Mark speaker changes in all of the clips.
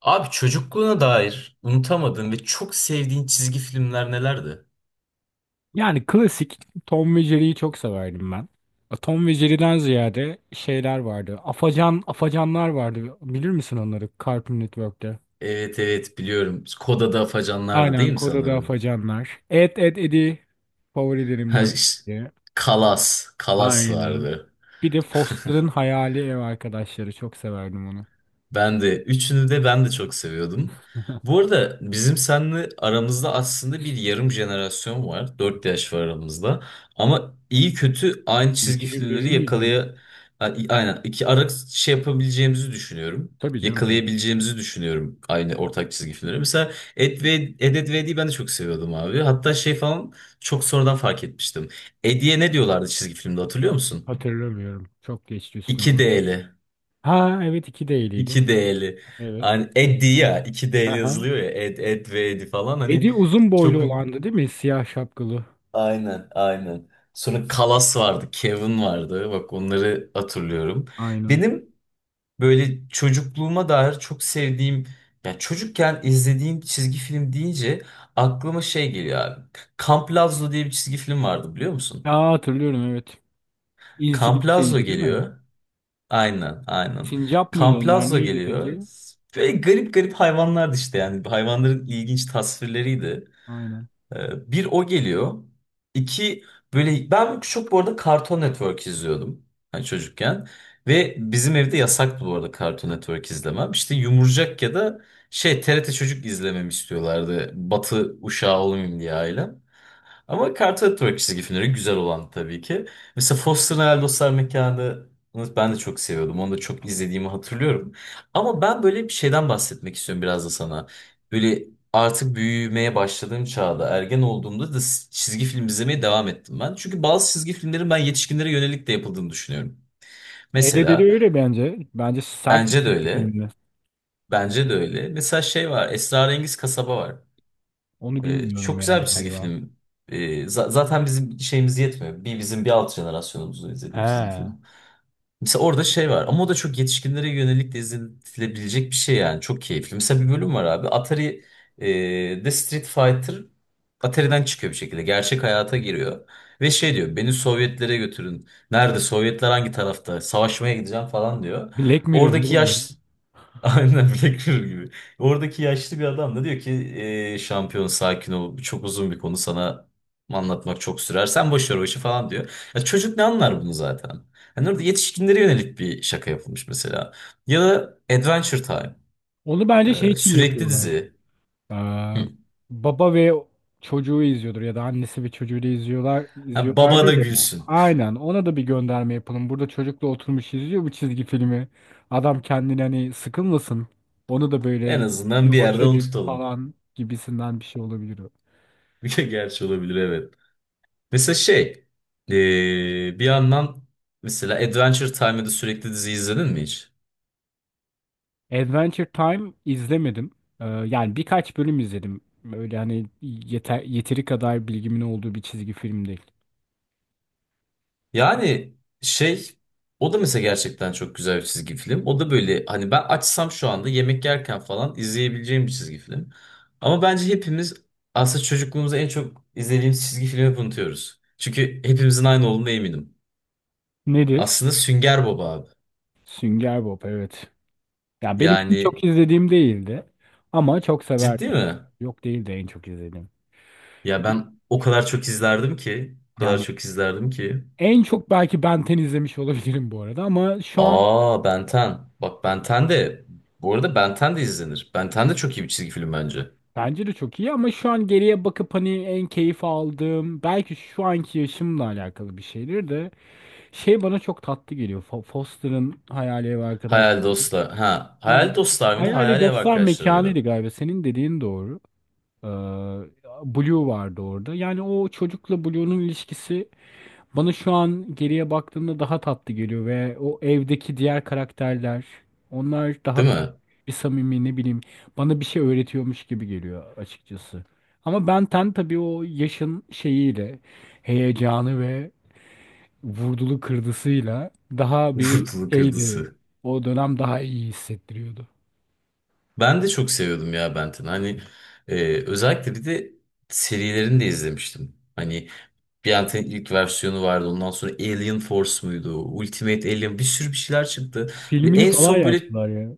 Speaker 1: Abi çocukluğuna dair unutamadığın ve çok sevdiğin çizgi filmler nelerdi?
Speaker 2: Yani klasik Tom ve Jerry'yi çok severdim ben. Tom ve Jerry'den ziyade şeyler vardı. Afacanlar vardı. Bilir misin onları? Cartoon Network'te.
Speaker 1: Evet evet biliyorum. Koda'da Afacanlar'dı
Speaker 2: Aynen
Speaker 1: değil mi
Speaker 2: Koda'da
Speaker 1: sanırım?
Speaker 2: afacanlar. Ed Ed Ed'i
Speaker 1: Ha,
Speaker 2: favorilerimden
Speaker 1: ş-
Speaker 2: biri.
Speaker 1: Kalas. Kalas
Speaker 2: Aynen.
Speaker 1: vardı.
Speaker 2: Bir de Foster'ın Hayali Ev Arkadaşları. Çok severdim onu.
Speaker 1: Ben de. Üçünü de ben de çok seviyordum. Bu arada bizim seninle aramızda aslında bir yarım jenerasyon var. 4 yaş var aramızda. Ama iyi kötü aynı çizgi filmleri
Speaker 2: 2001'li miydin lan?
Speaker 1: yakalaya... Aynen. iki ara şey yapabileceğimizi düşünüyorum.
Speaker 2: Tabii canım, tabii.
Speaker 1: Yakalayabileceğimizi düşünüyorum aynı ortak çizgi filmleri. Mesela Ed ve Ed, Ed ve Eddy'yi ben de çok seviyordum abi. Hatta şey falan çok sonradan fark etmiştim. Eddy'ye ne diyorlardı çizgi filmde hatırlıyor musun?
Speaker 2: Hatırlamıyorum. Çok geçti üstümden.
Speaker 1: 2D'li.
Speaker 2: Ha, evet, iki değiliydi.
Speaker 1: İki D'li.
Speaker 2: Evet.
Speaker 1: Hani Eddie ya. İki D'li
Speaker 2: Aha.
Speaker 1: yazılıyor ya. Ed, Ed ve Edi falan. Hani
Speaker 2: Eddie uzun boylu
Speaker 1: çok...
Speaker 2: olandı değil mi? Siyah şapkalı.
Speaker 1: Aynen, aynen. Sonra Kalas vardı. Kevin vardı. Bak onları hatırlıyorum.
Speaker 2: Aynen.
Speaker 1: Benim böyle çocukluğuma dair çok sevdiğim... Ya çocukken izlediğim çizgi film deyince aklıma şey geliyor abi. Kamp Lazlo diye bir çizgi film vardı biliyor musun?
Speaker 2: Aa, hatırlıyorum, evet.
Speaker 1: Kamp
Speaker 2: İzcilik
Speaker 1: Lazlo
Speaker 2: şeydi değil mi?
Speaker 1: geliyor. Aynen, aynen.
Speaker 2: Sincap mıydı onlar,
Speaker 1: Kamplazo
Speaker 2: neydi
Speaker 1: geliyor.
Speaker 2: peki?
Speaker 1: Böyle garip garip hayvanlardı işte yani. Hayvanların ilginç tasvirleriydi.
Speaker 2: Aynen.
Speaker 1: Bir o geliyor. İki böyle ben çok bu arada Cartoon Network izliyordum hani çocukken. Ve bizim evde yasaktı bu arada Cartoon Network izlemem. İşte Yumurcak ya da şey TRT Çocuk izlememi istiyorlardı. Batı uşağı olmayayım diye ailem. Ama Cartoon Network çizgi filmleri güzel olan tabii ki. Mesela Foster'ın Hayal Dostlar Mekanı ben de çok seviyordum. Onu da çok izlediğimi hatırlıyorum. Ama ben böyle bir şeyden bahsetmek istiyorum biraz da sana. Böyle artık büyümeye başladığım çağda, ergen olduğumda da çizgi film izlemeye devam ettim ben. Çünkü bazı çizgi filmlerin ben yetişkinlere yönelik de yapıldığını düşünüyorum. Mesela
Speaker 2: Edeleri öyle bence. Bence sert bir
Speaker 1: bence de
Speaker 2: çizgi
Speaker 1: öyle.
Speaker 2: filmdi.
Speaker 1: Bence de öyle. Mesela şey var, Esrarengiz Kasaba var.
Speaker 2: Onu bilmiyorum
Speaker 1: Çok
Speaker 2: ya
Speaker 1: güzel bir çizgi
Speaker 2: galiba.
Speaker 1: film. Zaten bizim şeyimiz yetmiyor. Bir bizim bir alt jenerasyonumuzun izlediği bir çizgi
Speaker 2: He.
Speaker 1: film. Mesela orada şey var ama o da çok yetişkinlere yönelik de izletilebilecek bir şey yani. Çok keyifli. Mesela bir bölüm var abi. Atari The Street Fighter Atari'den çıkıyor bir şekilde. Gerçek hayata giriyor. Ve şey diyor beni Sovyetlere götürün. Nerede Sovyetler hangi tarafta? Savaşmaya gideceğim falan diyor.
Speaker 2: Black Mirror
Speaker 1: Oradaki
Speaker 2: oğlum bu.
Speaker 1: yaş Aynen Black Mirror gibi. Oradaki yaşlı bir adam da diyor ki şampiyon sakin ol. Bu çok uzun bir konu sana anlatmak çok sürer. Sen boş ver o işi falan diyor. Ya çocuk ne anlar bunu zaten? Hani orada yetişkinlere yönelik bir şaka yapılmış mesela. Ya da Adventure Time.
Speaker 2: Onu bence şey için
Speaker 1: Sürekli
Speaker 2: yapıyorlar.
Speaker 1: dizi.
Speaker 2: Ee,
Speaker 1: Hı.
Speaker 2: Baba ve çocuğu izliyordur ya da annesi ve çocuğu da izliyorlar
Speaker 1: Ha, baba
Speaker 2: izliyorlardır
Speaker 1: da
Speaker 2: ya.
Speaker 1: gülsün.
Speaker 2: Aynen, ona da bir gönderme yapalım. Burada çocukla oturmuş izliyor bu çizgi filmi. Adam kendini hani sıkılmasın. Onu da böyle
Speaker 1: En azından
Speaker 2: "Yine
Speaker 1: bir
Speaker 2: hoş
Speaker 1: yerde onu
Speaker 2: edelim"
Speaker 1: tutalım.
Speaker 2: falan gibisinden bir şey olabilir o.
Speaker 1: Bir gerçi olabilir evet. Mesela şey. Bir yandan mesela Adventure Time'da sürekli dizi izledin mi hiç?
Speaker 2: Adventure Time izlemedim. Yani birkaç bölüm izledim. Böyle hani yeteri kadar bilgimin olduğu bir çizgi film değil.
Speaker 1: Yani şey o da mesela gerçekten çok güzel bir çizgi film. O da böyle hani ben açsam şu anda yemek yerken falan izleyebileceğim bir çizgi film. Ama bence hepimiz aslında çocukluğumuzda en çok izlediğimiz çizgi filmi hep unutuyoruz. Çünkü hepimizin aynı olduğuna eminim.
Speaker 2: Nedir?
Speaker 1: Aslında Sünger Bob abi.
Speaker 2: Sünger Bob, evet. Ya benim en
Speaker 1: Yani
Speaker 2: çok izlediğim değildi ama çok
Speaker 1: ciddi
Speaker 2: severdim.
Speaker 1: mi?
Speaker 2: Yok, değil de en çok izlediğim.
Speaker 1: Ya ben o kadar çok izlerdim ki, o kadar
Speaker 2: Yani
Speaker 1: çok izlerdim ki.
Speaker 2: en çok belki Ben ten izlemiş olabilirim bu arada ama şu an
Speaker 1: Aa Ben 10. Bak Ben 10 de bu arada Ben 10 de izlenir. Ben 10 de çok iyi bir çizgi film bence.
Speaker 2: bence de çok iyi ama şu an geriye bakıp hani en keyif aldığım, belki şu anki yaşımla alakalı bir şeydir de, şey bana çok tatlı geliyor. Foster'ın Hayali Ev
Speaker 1: Hayal
Speaker 2: Arkadaşlığı.
Speaker 1: dostlar. Ha,
Speaker 2: Ha,
Speaker 1: hayal dostlar mıydı?
Speaker 2: Hayali
Speaker 1: Hayali ev
Speaker 2: Dostlar
Speaker 1: arkadaşları
Speaker 2: Mekanı'ydı
Speaker 1: mıydı?
Speaker 2: galiba. Senin dediğin doğru. Ee, Blue vardı orada. Yani o çocukla Blue'nun ilişkisi bana şu an geriye baktığımda daha tatlı geliyor, ve o evdeki diğer karakterler, onlar daha
Speaker 1: Değil
Speaker 2: böyle
Speaker 1: mi?
Speaker 2: bir samimi, ne bileyim, bana bir şey öğretiyormuş gibi geliyor açıkçası. Ama Ben 10 tabii o yaşın şeyiyle, heyecanı ve vurdulu kırdısıyla daha bir
Speaker 1: Vurdulu
Speaker 2: şeydi.
Speaker 1: kırdısı.
Speaker 2: O dönem daha iyi hissettiriyordu.
Speaker 1: Ben de çok seviyordum ya Benten'i. Hani özellikle bir de serilerini de izlemiştim. Hani Benten'in ilk versiyonu vardı. Ondan sonra Alien Force muydu? Ultimate Alien bir sürü bir şeyler çıktı. Ve
Speaker 2: Filmini
Speaker 1: en
Speaker 2: falan
Speaker 1: son böyle
Speaker 2: yaptılar ya.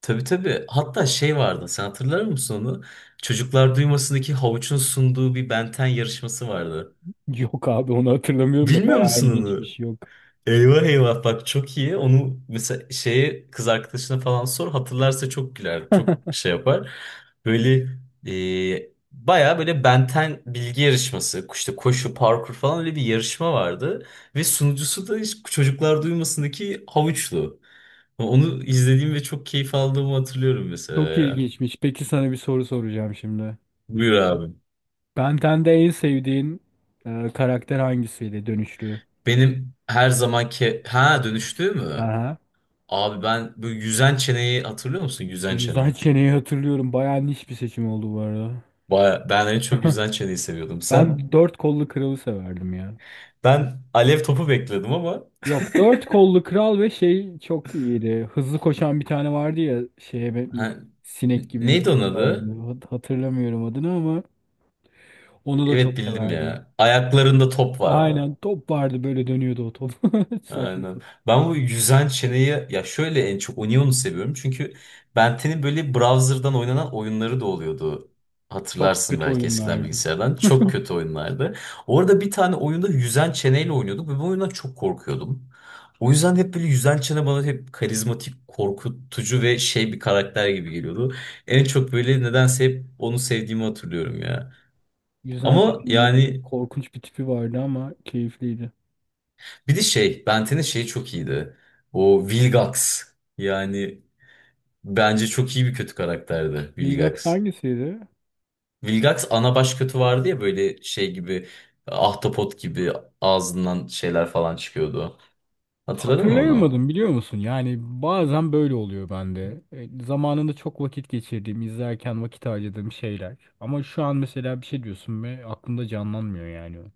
Speaker 1: tabii tabii hatta şey vardı. Sen hatırlar mısın onu? Çocuklar Duymasındaki havuçun sunduğu bir Benten yarışması vardı.
Speaker 2: Yok abi, onu hatırlamıyorum da
Speaker 1: Bilmiyor
Speaker 2: bayağı
Speaker 1: musun onu?
Speaker 2: ilginçmiş, yok.
Speaker 1: Eyvah eyvah bak çok iyi. Onu mesela şeye kız arkadaşına falan sor hatırlarsa çok güler. Çok şey yapar. Böyle baya böyle benten bilgi yarışması işte koşu parkur falan öyle bir yarışma vardı. Ve sunucusu da hiç çocuklar duymasındaki havuçlu. Onu izlediğim ve çok keyif aldığımı hatırlıyorum mesela
Speaker 2: Çok
Speaker 1: ya.
Speaker 2: ilginçmiş. Peki sana bir soru soracağım şimdi.
Speaker 1: Buyur abi.
Speaker 2: Ben Ten'de en sevdiğin karakter hangisiydi, dönüştü?
Speaker 1: Benim her zamanki ha dönüştüğü mü?
Speaker 2: Aha.
Speaker 1: Abi ben böyle yüzen çeneyi hatırlıyor musun? Yüzen çene.
Speaker 2: Yüzden çeneyi hatırlıyorum. Bayağı niş bir seçim oldu bu arada.
Speaker 1: Baya, ben en çok yüzden çeneyi seviyordum. Sen?
Speaker 2: Ben dört kollu kralı severdim ya.
Speaker 1: Ben alev topu bekledim ama
Speaker 2: Yok, dört kollu kral ve şey çok iyiydi. Hızlı koşan bir tane vardı ya, şeye
Speaker 1: ha,
Speaker 2: sinek gibi bir tip
Speaker 1: neydi onun adı?
Speaker 2: vardı. Hatırlamıyorum adını ama onu da çok
Speaker 1: Evet bildim
Speaker 2: severdim.
Speaker 1: ya. Ayaklarında top vardı.
Speaker 2: Aynen, top vardı, böyle dönüyordu o top. Saçma
Speaker 1: Aynen.
Speaker 2: sapan.
Speaker 1: Ben bu yüzen çeneyi ya şöyle en çok Onion'u seviyorum. Çünkü Benten'in böyle browser'dan oynanan oyunları da oluyordu.
Speaker 2: Çok
Speaker 1: Hatırlarsın
Speaker 2: kötü
Speaker 1: belki eskiden
Speaker 2: oyunlardı.
Speaker 1: bilgisayardan. Çok kötü oyunlardı. Orada bir tane oyunda yüzen çeneyle oynuyorduk ve bu oyundan çok korkuyordum. O yüzden hep böyle yüzen çene bana hep karizmatik, korkutucu ve şey bir karakter gibi geliyordu. En çok böyle nedense hep onu sevdiğimi hatırlıyorum ya.
Speaker 2: Güzel
Speaker 1: Ama
Speaker 2: çizgiydi.
Speaker 1: yani
Speaker 2: Korkunç bir tipi vardı ama keyifliydi.
Speaker 1: bir de şey, Benten'in şeyi çok iyiydi. O Vilgax. Yani bence çok iyi bir kötü karakterdi
Speaker 2: Vilgax
Speaker 1: Vilgax.
Speaker 2: hangisiydi?
Speaker 1: Vilgax ana baş kötü vardı ya böyle şey gibi ahtapot gibi ağzından şeyler falan çıkıyordu. Hatırladın mı onu?
Speaker 2: Hatırlayamadım, biliyor musun? Yani bazen böyle oluyor bende. Zamanında çok vakit geçirdiğim, izlerken vakit harcadığım şeyler. Ama şu an mesela bir şey diyorsun ve aklımda canlanmıyor yani o.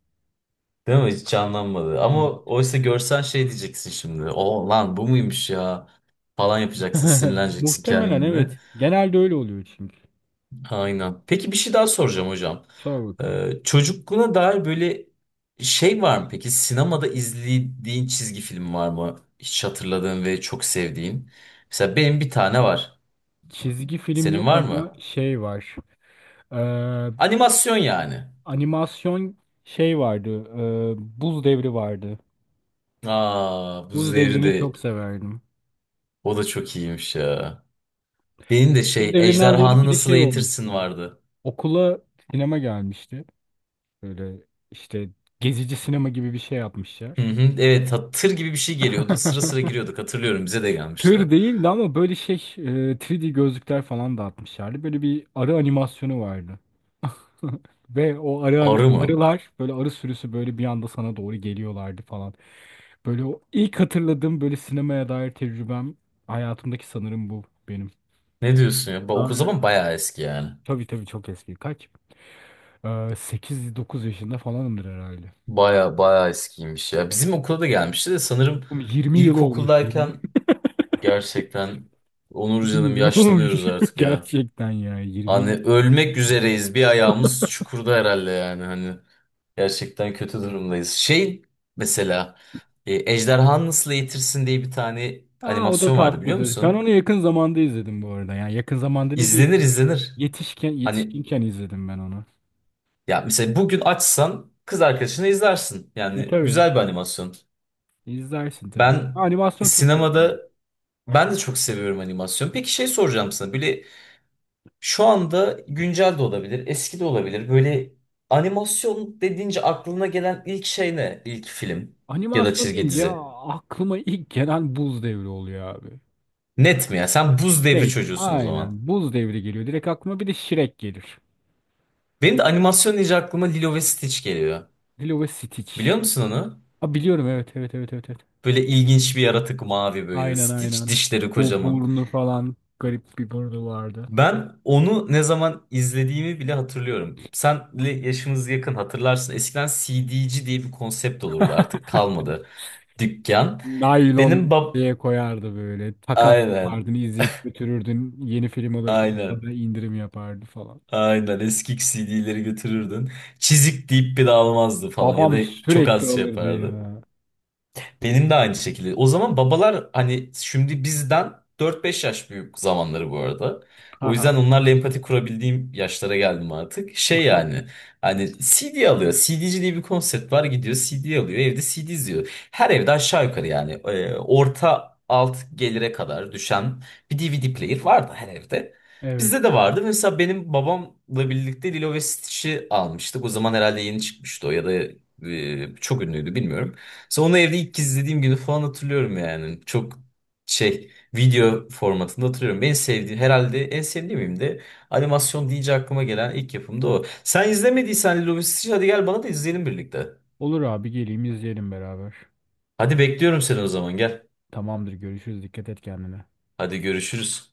Speaker 1: Değil mi? Hiç canlanmadı. Ama
Speaker 2: Evet.
Speaker 1: oysa görsen şey diyeceksin şimdi. O lan bu muymuş ya? Falan yapacaksın, sinirleneceksin
Speaker 2: Muhtemelen
Speaker 1: kendini.
Speaker 2: evet. Genelde öyle oluyor çünkü.
Speaker 1: Aynen. Peki bir şey daha soracağım hocam.
Speaker 2: Sor bakalım.
Speaker 1: Çocukluğuna dair böyle şey var mı peki? Sinemada izlediğin çizgi film var mı? Hiç hatırladığın ve çok sevdiğin. Mesela benim bir tane var.
Speaker 2: Çizgi film
Speaker 1: Senin
Speaker 2: yok
Speaker 1: var
Speaker 2: ama
Speaker 1: mı?
Speaker 2: şey var. Ee,
Speaker 1: Animasyon yani.
Speaker 2: Animasyon, şey vardı. ee, Buz Devri vardı.
Speaker 1: Aa, bu
Speaker 2: Buz
Speaker 1: zevri de
Speaker 2: Devri'ni çok severdim.
Speaker 1: o da çok iyiymiş ya. Benim de
Speaker 2: Buz
Speaker 1: şey
Speaker 2: Devri'nden ziyade
Speaker 1: Ejderhanı
Speaker 2: bir de
Speaker 1: Nasıl
Speaker 2: şey olmuştu.
Speaker 1: Eğitirsin vardı.
Speaker 2: Okula sinema gelmişti. Böyle işte gezici sinema gibi bir şey
Speaker 1: Hı
Speaker 2: yapmışlar.
Speaker 1: hı, evet tır gibi bir şey geliyordu. Sıra sıra giriyorduk hatırlıyorum bize de gelmişti.
Speaker 2: Tır değildi ama böyle şey, 3D gözlükler falan dağıtmışlardı. Böyle bir arı animasyonu vardı. Ve o arı
Speaker 1: Arı mı?
Speaker 2: arılar, böyle arı sürüsü böyle bir anda sana doğru geliyorlardı falan. Böyle o ilk hatırladığım böyle sinemaya dair tecrübem hayatımdaki sanırım bu benim.
Speaker 1: Ne diyorsun ya?
Speaker 2: Aa,
Speaker 1: O
Speaker 2: evet.
Speaker 1: zaman bayağı eski yani.
Speaker 2: Tabii, tabii, çok eski. Kaç? Ee, 8-9 yaşında falanımdır herhalde.
Speaker 1: Baya baya eskiymiş ya. Bizim okula da gelmişti de sanırım
Speaker 2: Oğlum, 20 yıl olmuş.
Speaker 1: ilkokuldayken gerçekten Onur
Speaker 2: 20
Speaker 1: canım
Speaker 2: yıl olmuş.
Speaker 1: yaşlanıyoruz artık ya.
Speaker 2: Gerçekten ya, 20
Speaker 1: Hani
Speaker 2: yıl.
Speaker 1: ölmek üzereyiz. Bir ayağımız çukurda herhalde yani hani. Gerçekten kötü durumdayız. Şey mesela Ejderhanı Nasıl Eğitirsin diye bir tane
Speaker 2: Aa, o da
Speaker 1: animasyon vardı biliyor
Speaker 2: tatlıdır. Ben
Speaker 1: musun?
Speaker 2: onu yakın zamanda izledim bu arada. Yani yakın zamanda dediğim,
Speaker 1: İzlenir izlenir.
Speaker 2: yetişken
Speaker 1: Hani
Speaker 2: yetişkinken izledim ben onu.
Speaker 1: ya mesela bugün açsan kız arkadaşına izlersin.
Speaker 2: E
Speaker 1: Yani
Speaker 2: tabii.
Speaker 1: güzel bir animasyon.
Speaker 2: İzlersin tabii.
Speaker 1: Ben
Speaker 2: Animasyon çok severim.
Speaker 1: sinemada ben de çok seviyorum animasyon. Peki şey soracağım sana. Böyle şu anda güncel de olabilir, eski de olabilir. Böyle animasyon dediğince aklına gelen ilk şey ne? İlk film ya da
Speaker 2: Animasyon
Speaker 1: çizgi
Speaker 2: deyince
Speaker 1: dizi.
Speaker 2: aklıma ilk gelen Buz Devri oluyor abi.
Speaker 1: Net mi ya? Sen buz devri
Speaker 2: Evet,
Speaker 1: çocuğusun o zaman.
Speaker 2: aynen. Buz Devri geliyor. Direkt aklıma bir de Shrek gelir.
Speaker 1: Benim de animasyon deyince aklıma Lilo ve Stitch geliyor.
Speaker 2: Lilo ve Stitch.
Speaker 1: Biliyor musun onu?
Speaker 2: Ha, biliyorum, evet, evet, evet, evet, evet.
Speaker 1: Böyle ilginç bir yaratık mavi böyle
Speaker 2: Aynen,
Speaker 1: Stitch.
Speaker 2: aynen.
Speaker 1: Dişleri
Speaker 2: Bu
Speaker 1: kocaman.
Speaker 2: burnu falan, garip bir burnu vardı.
Speaker 1: Ben onu ne zaman izlediğimi bile hatırlıyorum. Senle yaşımız yakın hatırlarsın. Eskiden CD'ci diye bir konsept olurdu. Artık kalmadı. Dükkan.
Speaker 2: Naylon
Speaker 1: Benim bab...
Speaker 2: diye koyardı böyle. Takas
Speaker 1: Aynen.
Speaker 2: yapardın, izleyip götürürdün. Yeni film alırken
Speaker 1: Aynen.
Speaker 2: sana indirim yapardı falan.
Speaker 1: Aynen. Eski C D'leri götürürdün. Çizik deyip bir de almazdı falan. Ya da
Speaker 2: Babam
Speaker 1: çok
Speaker 2: sürekli
Speaker 1: az şey
Speaker 2: alırdı
Speaker 1: yapardı.
Speaker 2: ya.
Speaker 1: Benim de aynı şekilde. O zaman babalar hani şimdi bizden 4 5 yaş büyük zamanları bu arada. O yüzden
Speaker 2: Aha,
Speaker 1: onlarla empati kurabildiğim yaşlara geldim artık. Şey yani hani CD alıyor. CD'ci diye bir konsept var gidiyor CD alıyor. Evde CD izliyor. Her evde aşağı yukarı yani orta alt gelire kadar düşen bir DVD player vardı her evde.
Speaker 2: evet.
Speaker 1: Bizde de vardı. Mesela benim babamla birlikte Lilo ve Stitch'i almıştık. O zaman herhalde yeni çıkmıştı o ya da çok ünlüydü bilmiyorum. Sonra evde ilk kez izlediğim günü falan hatırlıyorum yani. Çok şey video formatında hatırlıyorum. En sevdiğim herhalde en sevdiğim de animasyon deyince aklıma gelen ilk yapım da o. Sen izlemediysen Lilo ve Stitch hadi gel bana da izleyelim birlikte.
Speaker 2: Olur abi, geleyim, izleyelim beraber.
Speaker 1: Hadi bekliyorum seni o zaman gel.
Speaker 2: Tamamdır, görüşürüz. Dikkat et kendine.
Speaker 1: Hadi görüşürüz.